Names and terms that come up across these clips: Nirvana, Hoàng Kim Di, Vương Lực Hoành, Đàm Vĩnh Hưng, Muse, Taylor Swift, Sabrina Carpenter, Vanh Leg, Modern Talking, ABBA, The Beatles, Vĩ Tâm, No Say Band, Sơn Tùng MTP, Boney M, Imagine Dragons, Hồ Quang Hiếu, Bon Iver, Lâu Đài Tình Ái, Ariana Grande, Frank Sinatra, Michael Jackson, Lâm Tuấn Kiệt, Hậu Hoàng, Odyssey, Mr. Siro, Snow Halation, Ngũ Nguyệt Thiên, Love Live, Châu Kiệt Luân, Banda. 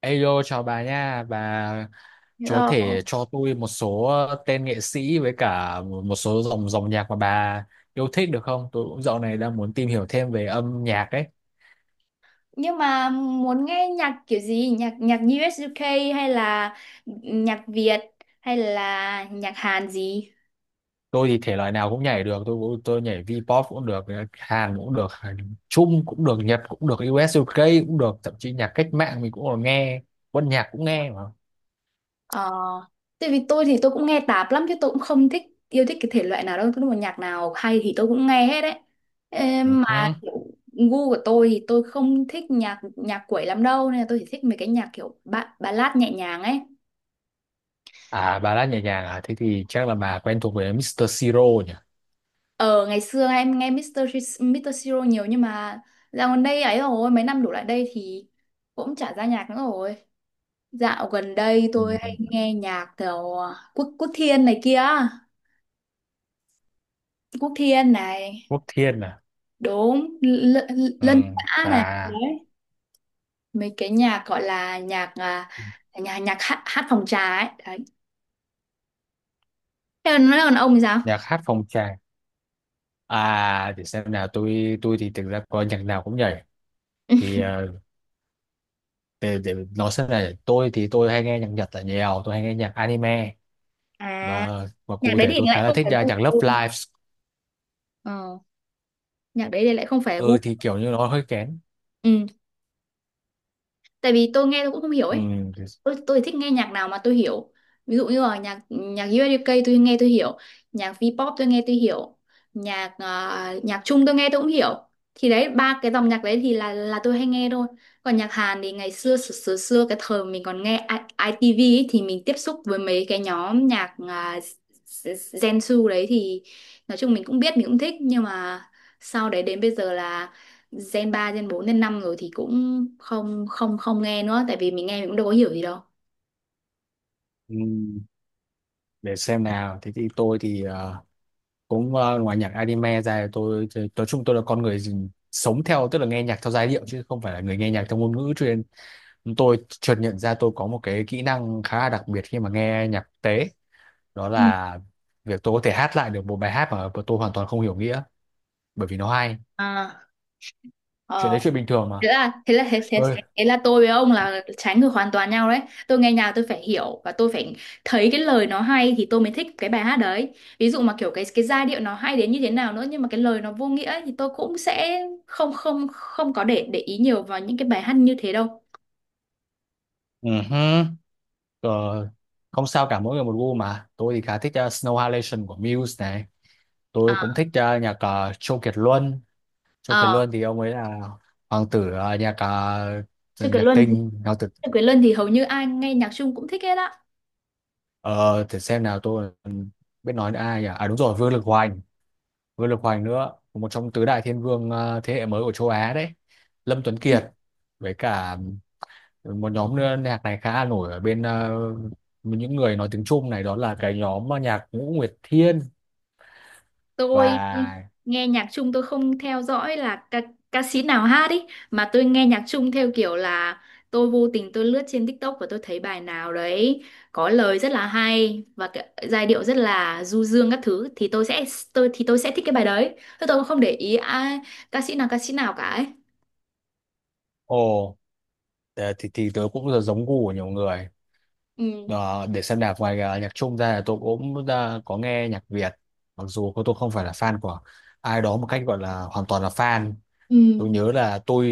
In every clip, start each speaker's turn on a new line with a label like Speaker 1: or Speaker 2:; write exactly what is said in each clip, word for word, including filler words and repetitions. Speaker 1: Ayo chào bà nha, bà có thể
Speaker 2: Hello.
Speaker 1: cho tôi một số tên nghệ sĩ với cả một số dòng dòng nhạc mà bà yêu thích được không? Tôi cũng dạo này đang muốn tìm hiểu thêm về âm nhạc ấy.
Speaker 2: Nhưng mà muốn nghe nhạc kiểu gì? Nhạc nhạc u ét u ca hay là nhạc Việt hay là nhạc Hàn gì?
Speaker 1: Tôi thì thể loại nào cũng nhảy được, tôi cũng- tôi nhảy V-pop cũng được, Hàn cũng được, Trung cũng được, Nhật cũng được, u ét u ca cũng được, thậm chí nhạc cách mạng mình cũng còn nghe, quân nhạc cũng nghe mà.
Speaker 2: Ờ, Tại vì tôi thì tôi cũng nghe tạp lắm, chứ tôi cũng không thích yêu thích cái thể loại nào đâu, tôi mà nhạc nào hay thì tôi cũng nghe hết đấy. Ê, mà
Speaker 1: Ừ.
Speaker 2: kiểu gu của tôi thì tôi không thích nhạc nhạc quẩy lắm đâu, nên là tôi chỉ thích mấy cái nhạc kiểu ba ballad nhẹ nhàng ấy.
Speaker 1: À bà đã nhẹ nhàng à? Thế thì chắc là bà quen thuộc với mít-tơ Siro nhỉ?
Speaker 2: Ờ, ngày xưa em nghe mít tơ Sh- mít tơ Siro nhiều, nhưng mà dạo gần đây ấy, rồi mấy năm đổ lại đây thì cũng chả ra nhạc nữa rồi. Dạo gần đây
Speaker 1: Ừ.
Speaker 2: tôi hay nghe nhạc kiểu à, Quốc Quốc Thiên này kia, Quốc Thiên này,
Speaker 1: Quốc Thiên à?
Speaker 2: đúng L- L-
Speaker 1: Ừ,
Speaker 2: Lân Xã này,
Speaker 1: bà.
Speaker 2: đấy. Mấy cái nhạc gọi là nhạc à, nhà nhạc hát, hát phòng trà ấy, đấy. Thế còn nói còn ông thì sao?
Speaker 1: Nhạc hát phong trào, à để xem nào tôi tôi thì thực ra có nhạc nào cũng nhảy thì ờ, để, để nói xem này, tôi thì tôi hay nghe nhạc Nhật là nhiều, tôi hay nghe nhạc anime,
Speaker 2: À,
Speaker 1: và và
Speaker 2: nhạc
Speaker 1: cụ
Speaker 2: đấy
Speaker 1: thể
Speaker 2: thì
Speaker 1: tôi
Speaker 2: lại
Speaker 1: khá là
Speaker 2: không
Speaker 1: thích
Speaker 2: phải
Speaker 1: nhạc
Speaker 2: gu của
Speaker 1: nhạc Love
Speaker 2: tôi.
Speaker 1: Live.
Speaker 2: Ờ, nhạc đấy thì lại không phải gu.
Speaker 1: Ừ thì kiểu như nó hơi kén.
Speaker 2: Ừ. Tại vì tôi nghe tôi cũng không hiểu
Speaker 1: Ừ,
Speaker 2: ấy,
Speaker 1: thì-
Speaker 2: tôi, tôi thích nghe nhạc nào mà tôi hiểu, ví dụ như là nhạc nhạc u ét ca tôi nghe tôi hiểu, nhạc V-pop tôi nghe tôi hiểu, nhạc ờ, nhạc Trung tôi nghe tôi cũng hiểu, thì đấy ba cái dòng nhạc đấy thì là là tôi hay nghe thôi. Còn nhạc Hàn thì ngày xưa xưa xưa, xưa cái thời mình còn nghe I- ITV ấy, thì mình tiếp xúc với mấy cái nhóm nhạc à, Gen Su đấy, thì nói chung mình cũng biết mình cũng thích, nhưng mà sau đấy đến bây giờ là Gen ba Gen bốn Gen năm rồi thì cũng không không không nghe nữa, tại vì mình nghe mình cũng đâu có hiểu gì đâu.
Speaker 1: ừ, để xem nào. Thế thì tôi thì ờ, cũng ờ, ngoài nhạc anime ra, tôi tôi- nói chung tôi là con người gì- sống theo, tức là nghe nhạc theo giai điệu chứ không phải là người nghe nhạc theo ngôn ngữ chuyên. Tôi chợt nhận ra tôi có một cái kỹ năng khá là đặc biệt khi mà nghe nhạc quốc tế, đó
Speaker 2: Ừ.
Speaker 1: là việc tôi có thể hát lại được một bài hát mà tôi hoàn toàn không hiểu nghĩa bởi vì nó hay.
Speaker 2: à,
Speaker 1: Chuyện
Speaker 2: Ờ,
Speaker 1: đấy chuyện bình thường mà.
Speaker 2: thế là thế là thế, thế,
Speaker 1: Ơi.
Speaker 2: thế, Thế là tôi với ông là trái ngược hoàn toàn nhau đấy. Tôi nghe nhạc tôi phải hiểu và tôi phải thấy cái lời nó hay thì tôi mới thích cái bài hát đấy. Ví dụ mà kiểu cái cái giai điệu nó hay đến như thế nào nữa, nhưng mà cái lời nó vô nghĩa ấy, thì tôi cũng sẽ không không không có để để ý nhiều vào những cái bài hát như thế đâu.
Speaker 1: Ừ hứ. Ờ, không sao cả, mỗi người một gu mà. Tôi thì khá thích ờ, Snow Halation của Muse này, tôi cũng
Speaker 2: À,
Speaker 1: thích ờ, nhạc ờ, Châu Kiệt Luân. Châu Kiệt
Speaker 2: ờ,
Speaker 1: Luân thì ông ấy là hoàng tử ờ, nhạc ờ,
Speaker 2: Sư Quyền
Speaker 1: nhạc
Speaker 2: Luân,
Speaker 1: tinh, hoàng tử.
Speaker 2: Sư Quyền Luân thì hầu như ai nghe nhạc Trung cũng thích hết á.
Speaker 1: ờ, để xem nào, tôi còn biết nói đến ai nhỉ? À đúng rồi, Vương Lực Hoành. Vương Lực Hoành nữa, một trong tứ đại thiên vương ờ, thế hệ mới của châu Á đấy. Lâm Tuấn Kiệt, với cả một nhóm nữa nhạc này khá là nổi ở bên ờ, những người nói tiếng Trung này, đó là cái nhóm ờ, nhạc Ngũ Nguyệt Thiên.
Speaker 2: Tôi
Speaker 1: Và
Speaker 2: nghe nhạc Trung tôi không theo dõi là ca, ca sĩ nào hát ý, mà tôi nghe nhạc Trung theo kiểu là tôi vô tình tôi lướt trên TikTok và tôi thấy bài nào đấy có lời rất là hay và cái, giai điệu rất là du dương các thứ, thì tôi sẽ tôi thì tôi sẽ thích cái bài đấy, tôi tôi cũng không để ý ai ca sĩ nào ca sĩ nào cả ấy.
Speaker 1: ồ. Ờ, thì, thì tớ cũng giống gu của nhiều người.
Speaker 2: Ừ.
Speaker 1: Ờ, để xem nhạc ngoài ờ, nhạc Trung ra là tôi cũng ờ, có nghe nhạc Việt, mặc dù cô- tôi không phải là fan của ai đó một cách gọi là hoàn toàn là fan.
Speaker 2: Ừ.
Speaker 1: Tôi nhớ là tôi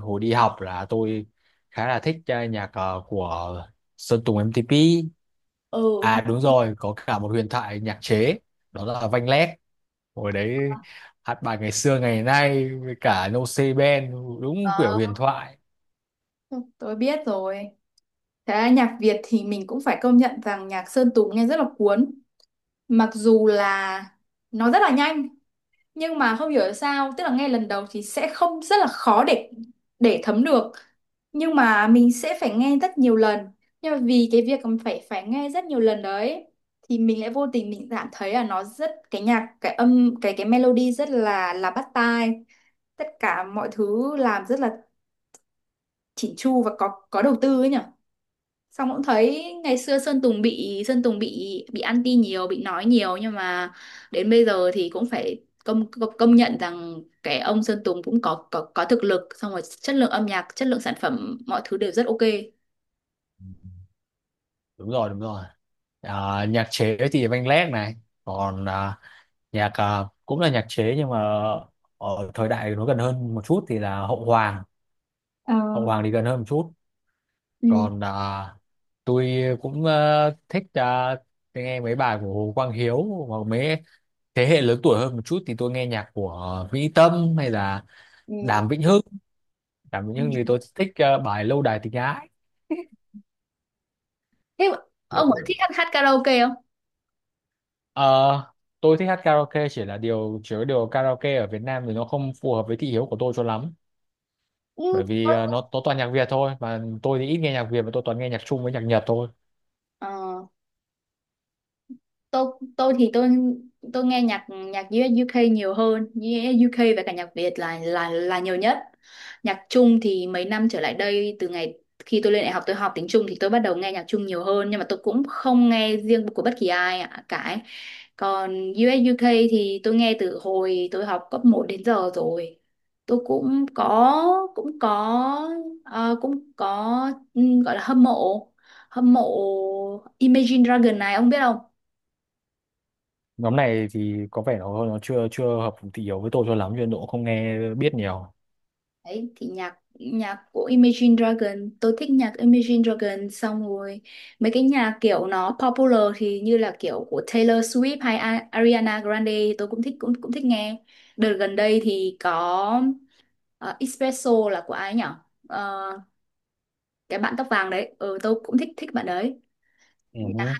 Speaker 1: hồi đi học là tôi khá là thích ờ, nhạc ờ, của Sơn Tùng em tê pê.
Speaker 2: Ừ.
Speaker 1: À đúng rồi, có cả một huyền thoại nhạc chế, đó là Vanh Leg. Hồi đấy hát bài ngày xưa ngày nay với cả No Say Band, đúng kiểu huyền
Speaker 2: Đó,
Speaker 1: thoại.
Speaker 2: tôi biết rồi. Thế nhạc Việt thì mình cũng phải công nhận rằng nhạc Sơn Tùng nghe rất là cuốn, mặc dù là nó rất là nhanh, nhưng mà không hiểu sao, tức là ngay lần đầu thì sẽ không rất là khó để để thấm được, nhưng mà mình sẽ phải nghe rất nhiều lần, nhưng mà vì cái việc mà phải phải nghe rất nhiều lần đấy thì mình lại vô tình mình cảm thấy là nó rất cái nhạc cái âm cái cái melody rất là là bắt tai, tất cả mọi thứ làm rất là chỉn chu và có có đầu tư ấy nhỉ. Xong cũng thấy ngày xưa Sơn Tùng bị Sơn Tùng bị bị anti nhiều, bị nói nhiều, nhưng mà đến bây giờ thì cũng phải công công, công nhận rằng cái ông Sơn Tùng cũng có có có thực lực, xong rồi chất lượng âm nhạc, chất lượng sản phẩm mọi thứ đều rất ok.
Speaker 1: Đúng rồi, đúng rồi. Ờ, nhạc chế thì Văn Lét này, còn ờ, nhạc ờ, cũng là nhạc chế nhưng mà ở thời đại nó gần hơn một chút thì là Hậu Hoàng.
Speaker 2: Ờ,
Speaker 1: Hậu Hoàng thì gần hơn một chút.
Speaker 2: ừ.
Speaker 1: Còn ờ, tôi cũng ờ, thích ờ, nghe mấy bài của Hồ Quang Hiếu, hoặc mấy thế hệ lớn tuổi hơn một chút thì tôi nghe nhạc của Vĩ Tâm hay là
Speaker 2: Ừ.
Speaker 1: Đàm Vĩnh Hưng. Đàm Vĩnh Hưng thì tôi thích ờ, bài Lâu Đài Tình Ái.
Speaker 2: Thế ông có thích hát, hát karaoke không?
Speaker 1: Ờ, tôi thích hát karaoke, chỉ là điều chứa điều karaoke ở Việt Nam thì nó không phù hợp với thị hiếu của tôi cho lắm
Speaker 2: Ừ.
Speaker 1: bởi vì ờ, nó nó toàn nhạc Việt thôi, mà tôi thì ít nghe nhạc Việt và tôi toàn nghe nhạc Trung với nhạc Nhật thôi.
Speaker 2: Ờ. tôi tôi thì tôi tôi nghe nhạc nhạc US UK nhiều hơn, US UK và cả nhạc Việt là là là nhiều nhất. Nhạc Trung thì mấy năm trở lại đây, từ ngày khi tôi lên đại học tôi học tiếng Trung thì tôi bắt đầu nghe nhạc Trung nhiều hơn, nhưng mà tôi cũng không nghe riêng của bất kỳ ai ạ- cả ấy. Còn u ét u ca thì tôi nghe từ hồi tôi học cấp một đến giờ rồi. Tôi cũng có cũng có ờ, cũng có ừ, gọi là hâm mộ hâm mộ Imagine Dragon này, ông biết không?
Speaker 1: Nhóm này thì có vẻ nó nó chưa chưa hợp thị hiếu với tôi cho lắm cho nên tôi cũng không nghe biết nhiều.
Speaker 2: Đấy, thì nhạc nhạc của Imagine Dragon, tôi thích nhạc Imagine Dragon, xong rồi mấy cái nhạc kiểu nó popular thì như là kiểu của Taylor Swift hay A- Ariana Grande thì tôi cũng thích, cũng cũng thích nghe. Đợt gần đây thì có ờ, Espresso là của ai nhỉ? Ờ, cái bạn tóc vàng đấy, ừ, tôi cũng thích thích bạn đấy.
Speaker 1: Ừ hứ.
Speaker 2: Nhạc-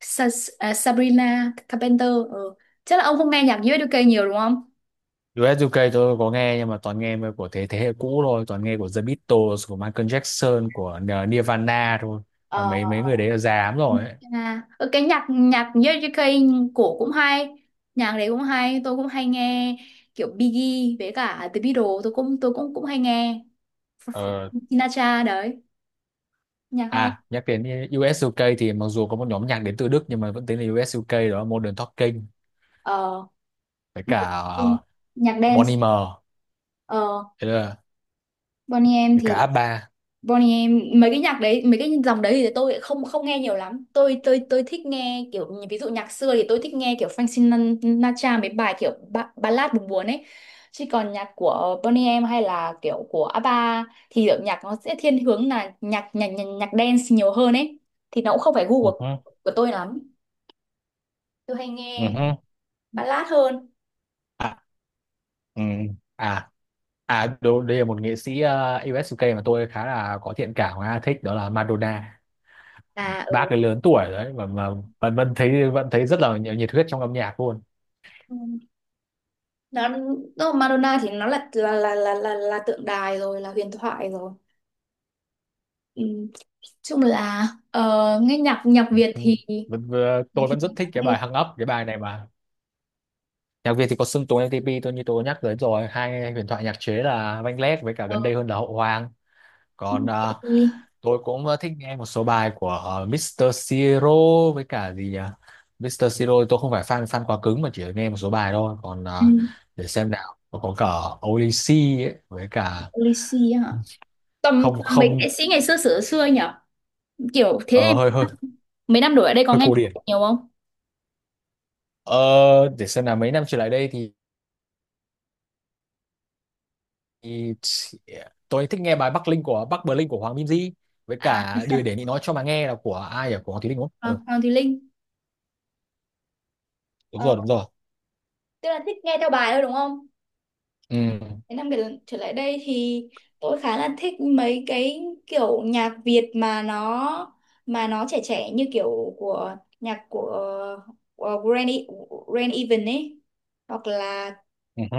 Speaker 2: Sa- à, Sabrina Carpenter, ừ. Chắc là ông không nghe nhạc u ét u ca nhiều đúng không?
Speaker 1: U UK tôi có nghe nhưng mà toàn nghe mà của thế thế hệ cũ thôi, toàn nghe của The Beatles, của Michael Jackson, của Nirvana thôi,
Speaker 2: Ờ.
Speaker 1: mà mấy mấy người đấy là già lắm rồi ấy.
Speaker 2: À, ờ, cái nhạc nhạc Jericho cổ cũng hay, nhạc đấy cũng hay tôi cũng hay nghe, kiểu Biggie với cả The Beatles tôi cũng tôi cũng cũng hay nghe.
Speaker 1: Ờ.
Speaker 2: Sinatra đấy, nhạc hay.
Speaker 1: À, nhắc đến u ét u ca thì mặc dù có một nhóm nhạc đến từ Đức nhưng mà vẫn tính là u ét u ca, đó là Modern Talking,
Speaker 2: ờ
Speaker 1: với cả uh,
Speaker 2: Nhạc
Speaker 1: Bon
Speaker 2: dance.
Speaker 1: Iver,
Speaker 2: ờ
Speaker 1: đấy là-
Speaker 2: Boney M
Speaker 1: với
Speaker 2: thì
Speaker 1: cả a ba.
Speaker 2: Bonnie M, mấy cái nhạc đấy mấy cái dòng đấy thì tôi lại không không nghe nhiều lắm, tôi tôi tôi thích nghe kiểu như- ví dụ nhạc xưa thì tôi thích nghe kiểu Frank Sinatra, mấy bài kiểu ba, ballad buồn buồn ấy, chứ còn nhạc của Bonnie M hay là kiểu của ABBA thì kiểu nhạc nó sẽ thiên hướng là nhạc nhạc nhạc, nhạc dance nhiều hơn ấy, thì nó cũng không phải gu
Speaker 1: Ừ
Speaker 2: của,
Speaker 1: hứ,
Speaker 2: của tôi lắm, tôi hay
Speaker 1: ừ
Speaker 2: nghe
Speaker 1: hứ.
Speaker 2: ballad hơn.
Speaker 1: À, ừ. à, à đồ- đây là một nghệ sĩ uh, u ét u ca mà tôi khá là có thiện cảm và thích, đó là Madonna.
Speaker 2: Là ở
Speaker 1: Bác ấy lớn tuổi đấy mà mà vẫn vẫn thấy vẫn thấy rất là nhiệt nhiệt huyết trong âm nhạc luôn.
Speaker 2: ừ, nó, nó Madonna thì nó là là là là là, là tượng đài rồi, là huyền thoại rồi. Ừ. Chung là ờ, nghe nhạc nhạc Việt
Speaker 1: Ừ.
Speaker 2: thì
Speaker 1: Vẫn, vừa-
Speaker 2: thì
Speaker 1: tôi
Speaker 2: thì
Speaker 1: vẫn rất
Speaker 2: nhạc
Speaker 1: thích cái
Speaker 2: hay.
Speaker 1: bài Hung Up, cái bài này mà. Nhạc Việt thì có Sơn Tùng em ti pi tôi như tôi nhắc tới rồi, hai huyền thoại nhạc chế là Vanh Leg với cả
Speaker 2: ờ,
Speaker 1: gần đây hơn là Hậu Hoàng. Còn à,
Speaker 2: thì,
Speaker 1: tôi cũng ờ, thích nghe một số bài của ờ, mít-tơ Siro, với cả gì nhỉ, mít-tơ Siro tôi không phải fan fan quá cứng mà chỉ nghe một số bài thôi. Còn
Speaker 2: ừ,
Speaker 1: ờ, để xem nào, có cả Odyssey ấy, với cả
Speaker 2: Lisi hả? Tầm
Speaker 1: không
Speaker 2: tầm mấy
Speaker 1: không
Speaker 2: nghệ sĩ ngày xưa xưa xưa nhỉ? Kiểu thế
Speaker 1: Ờ,
Speaker 2: thì
Speaker 1: hơi Hơi
Speaker 2: mấy năm đổi ở đây có
Speaker 1: hơi
Speaker 2: nghe
Speaker 1: cổ điển.
Speaker 2: nhạc nhiều không?
Speaker 1: Ờ, để xem là mấy năm trở lại đây thì thì tôi thích nghe bài Bắc Linh của Bắc Bling của Hoàng Kim Di, với
Speaker 2: À.
Speaker 1: cả đời để Nị nói cho mà nghe là của ai, ở của Hoàng Thùy Linh đúng không? Ừ,
Speaker 2: còn còn thì Linh.
Speaker 1: đúng
Speaker 2: ờ,
Speaker 1: rồi đúng rồi.
Speaker 2: Tức là thích nghe theo bài thôi đúng không?
Speaker 1: Ừ
Speaker 2: Mấy năm trở, trở lại đây thì tôi khá là thích mấy cái kiểu nhạc Việt mà nó mà nó trẻ trẻ, như kiểu của nhạc của, của Grand, E- Grand Even ấy, hoặc là
Speaker 1: ừ hứ.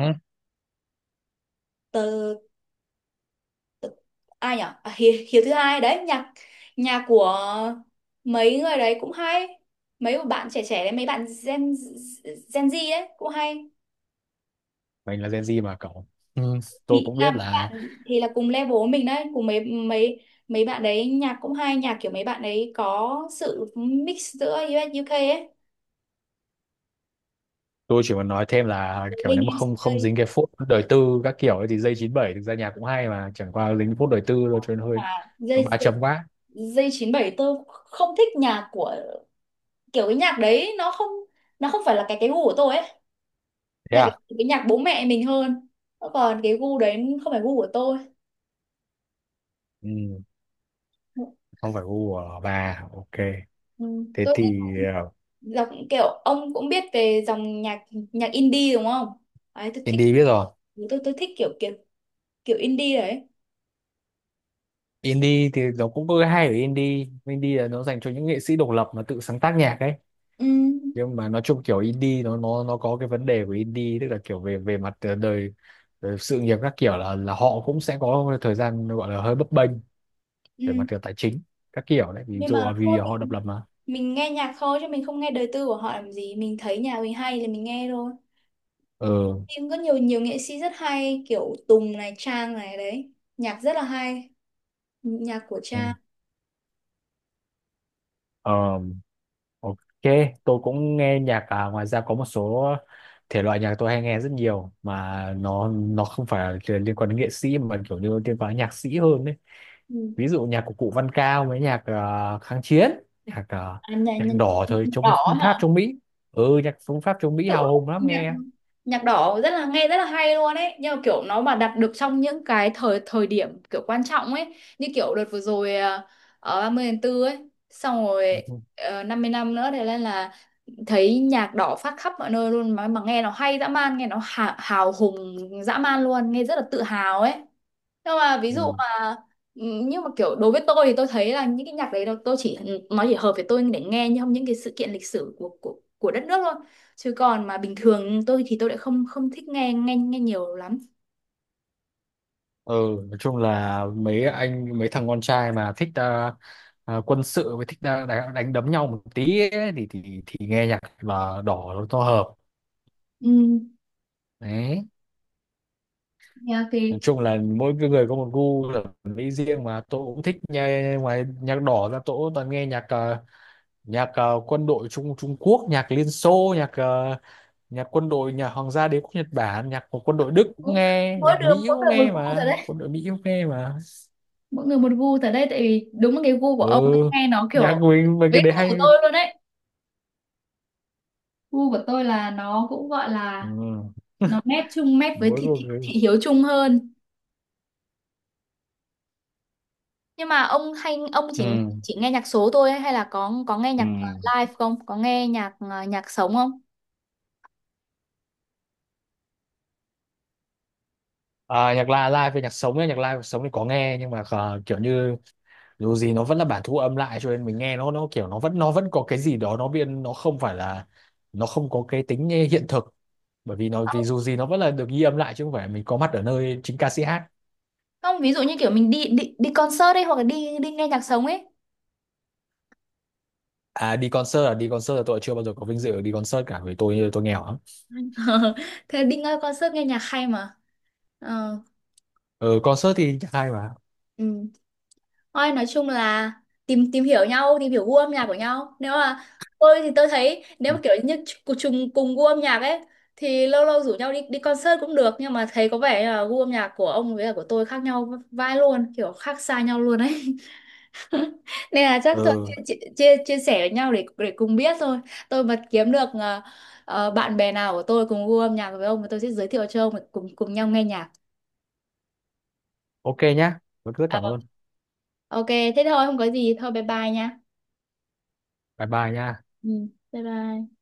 Speaker 2: từ, từ ai nhỉ, à, Hiếu, Hiếu thứ hai đấy, nhạc nhạc của mấy người đấy cũng hay, mấy của bạn trẻ trẻ đấy, mấy bạn Gen Gen Z đấy cũng hay,
Speaker 1: Mình là Gen Z mà cậu. Ừ. Tôi
Speaker 2: thì
Speaker 1: cũng
Speaker 2: là
Speaker 1: biết
Speaker 2: mấy
Speaker 1: là
Speaker 2: bạn thì là cùng level với mình đấy, cùng mấy mấy mấy bạn đấy nhạc cũng hay, nhạc kiểu mấy bạn đấy có sự mix giữa u UK ấy.
Speaker 1: tôi chỉ muốn nói thêm là kiểu nếu
Speaker 2: Linh
Speaker 1: mà không
Speaker 2: em xê ca
Speaker 1: không dính cái phốt đời tư các kiểu ấy thì dây chín bảy thực ra nhạc cũng hay, mà chẳng qua dính phốt đời tư thôi cho nên hơi
Speaker 2: mà
Speaker 1: nó
Speaker 2: dây
Speaker 1: ba
Speaker 2: dây
Speaker 1: chấm quá.
Speaker 2: dây chín bảy, tôi không thích nhạc của, kiểu cái nhạc đấy nó không, nó không phải là cái cái gu của tôi ấy,
Speaker 1: Thế
Speaker 2: nhạc
Speaker 1: à?
Speaker 2: cái nhạc bố mẹ mình hơn, còn cái gu đấy không phải gu của tôi.
Speaker 1: Ừ, không phải gu của bà. Ok.
Speaker 2: Ừ.
Speaker 1: Thế
Speaker 2: Tôi thích
Speaker 1: thì ờ,
Speaker 2: dòng, kiểu ông cũng biết về dòng nhạc nhạc indie đúng không? Đấy tôi thích,
Speaker 1: Indy biết rồi.
Speaker 2: tôi tôi thích kiểu kiểu kiểu indie đấy.
Speaker 1: Indie thì nó cũng có cái hay ở indie, indie là nó dành cho những nghệ sĩ độc lập mà tự sáng tác nhạc ấy,
Speaker 2: Ừ,
Speaker 1: nhưng mà nói chung kiểu indie nó nó nó có cái vấn đề của indie, tức là kiểu về về mặt ờ, đời, đời sự nghiệp các kiểu là là họ cũng sẽ có thời gian gọi là hơi bấp bênh về mặt
Speaker 2: ừ.
Speaker 1: kiểu tài chính các kiểu đấy, ví
Speaker 2: Nhưng
Speaker 1: dụ
Speaker 2: mà
Speaker 1: là
Speaker 2: thôi
Speaker 1: vì họ độc lập
Speaker 2: mình,
Speaker 1: mà.
Speaker 2: mình nghe nhạc thôi chứ mình không nghe đời tư của họ làm gì, mình thấy nhà mình hay thì mình nghe thôi,
Speaker 1: Ừ.
Speaker 2: nhưng có nhiều nhiều nghệ sĩ rất hay kiểu Tùng này, Trang này, đấy nhạc rất là hay, nhạc của
Speaker 1: ừ.
Speaker 2: Trang.
Speaker 1: Ờ, ok, tôi cũng nghe nhạc à, ngoài ra có một số thể loại nhạc tôi hay nghe rất nhiều mà nó nó không phải là liên quan đến nghệ sĩ mà kiểu như liên quan đến nhạc sĩ hơn ấy.
Speaker 2: Ừ.
Speaker 1: Ví dụ nhạc của cụ Văn Cao với nhạc ờ, kháng chiến, nhạc ờ,
Speaker 2: à, nhạc,
Speaker 1: nhạc
Speaker 2: Nhạc
Speaker 1: đỏ thời chống
Speaker 2: đỏ hả?
Speaker 1: Pháp chống Mỹ. Ừ nhạc chống Pháp chống Mỹ
Speaker 2: Tự-
Speaker 1: hào hùng lắm
Speaker 2: nhạc
Speaker 1: nghe.
Speaker 2: Nhạc đỏ rất là, nghe rất là hay luôn ấy, nhưng mà kiểu nó mà đặt được trong những cái thời thời điểm kiểu quan trọng ấy, như kiểu đợt vừa rồi à, ở ba mươi tháng tư ấy, xong rồi
Speaker 1: Ừ.
Speaker 2: uh, năm mươi năm nữa thì lên là thấy nhạc đỏ phát khắp mọi nơi luôn, mà mà nghe nó hay dã man, nghe nó hào, hào hùng dã man luôn, nghe rất là tự hào ấy, nhưng mà ví dụ
Speaker 1: Ừ.
Speaker 2: mà, nhưng mà kiểu đối với tôi thì tôi thấy là những cái nhạc đấy nó- tôi chỉ nó chỉ hợp với tôi để nghe trong những cái sự kiện lịch sử của của của đất nước thôi, chứ còn mà bình thường tôi thì tôi lại không không thích nghe nghe nghe nhiều lắm.
Speaker 1: Ừ, nói chung là mấy anh mấy thằng con trai mà thích ờ, ờ, quân sự với thích ờ, đánh, đánh đấm nhau một tí ấy, thì thì thì nghe nhạc là đỏ nó to hợp
Speaker 2: Ừ,
Speaker 1: đấy.
Speaker 2: nhạc
Speaker 1: Nói
Speaker 2: thì
Speaker 1: chung là mỗi cái người có một gu thẩm mỹ riêng mà. Tôi cũng thích nghe, ngoài nhạc đỏ ra tôi cũng toàn nghe nhạc ờ, nhạc ờ, quân đội Trung Trung Quốc, nhạc Liên Xô, nhạc ờ, nhạc quân đội nhà Hoàng gia Đế quốc Nhật Bản, nhạc của quân đội Đức cũng
Speaker 2: cũng-
Speaker 1: nghe,
Speaker 2: mỗi
Speaker 1: nhạc
Speaker 2: đường
Speaker 1: Mỹ
Speaker 2: mỗi
Speaker 1: cũng
Speaker 2: người một
Speaker 1: nghe
Speaker 2: gu rồi
Speaker 1: mà,
Speaker 2: đấy,
Speaker 1: quân đội Mỹ cũng nghe mà.
Speaker 2: mỗi người một gu. Tại đây, tại vì đúng là cái gu của
Speaker 1: Ừ,
Speaker 2: ông tôi nghe nó
Speaker 1: nhạc
Speaker 2: kiểu
Speaker 1: của mình mấy
Speaker 2: với
Speaker 1: cái đấy
Speaker 2: gu của
Speaker 1: hay.
Speaker 2: tôi luôn đấy, gu của tôi là nó cũng gọi
Speaker 1: Ừ.
Speaker 2: là nó mét chung, mét với
Speaker 1: Mỗi
Speaker 2: thị,
Speaker 1: một
Speaker 2: thị,
Speaker 1: cái.
Speaker 2: thị hiếu chung hơn. Nhưng mà ông hay ông
Speaker 1: Ừ.
Speaker 2: chỉ chỉ nghe nhạc số thôi hay là có có nghe
Speaker 1: Ừ.
Speaker 2: nhạc ờ, live không? Có nghe nhạc ờ, nhạc sống không?
Speaker 1: À, nhạc live live về nhạc sống ấy, nhạc live và sống thì có nghe nhưng mà ờ, kiểu như dù gì nó vẫn là bản thu âm lại cho nên mình nghe nó nó kiểu nó vẫn nó vẫn có cái gì đó nó biên, nó không phải là nó không có cái tính hiện thực, bởi vì nó vì
Speaker 2: Không,
Speaker 1: dù gì nó vẫn là được ghi âm lại chứ không phải mình có mặt ở nơi chính ca sĩ hát.
Speaker 2: không, ví dụ như kiểu mình đi đi đi concert ấy, hoặc là đi đi nghe nhạc sống ấy.
Speaker 1: À đi concert à đi concert là tôi chưa bao giờ có vinh dự đi concert cả, vì tôi tôi nghèo lắm.
Speaker 2: Thế đi nghe concert nghe nhạc hay mà. Ờ,
Speaker 1: Ừ concert thì hay mà.
Speaker 2: ừ. Thôi nói chung là tìm tìm hiểu nhau, tìm hiểu gu âm nhạc của nhau. Nếu mà tôi thì tôi thấy nếu
Speaker 1: Ừ.
Speaker 2: mà kiểu như cùng chung cùng gu âm nhạc ấy thì lâu lâu rủ nhau đi đi concert cũng được, nhưng mà thấy có vẻ như là gu âm nhạc của ông với cả của tôi khác nhau vai luôn, kiểu khác xa nhau luôn ấy. Nên là chắc thôi
Speaker 1: Ừ,
Speaker 2: chia, chia, chia chia sẻ với nhau để để cùng biết thôi. Tôi mà kiếm được ờ, ờ, bạn bè nào của tôi cùng gu âm nhạc với ông thì tôi sẽ giới thiệu cho ông để cùng cùng nhau nghe nhạc.
Speaker 1: ok nhá, rất rất cảm
Speaker 2: Ờ,
Speaker 1: ơn.
Speaker 2: ok, thế thôi không có gì, thôi bye bye nha.
Speaker 1: Bye bye nhá.
Speaker 2: Ừ, bye bye.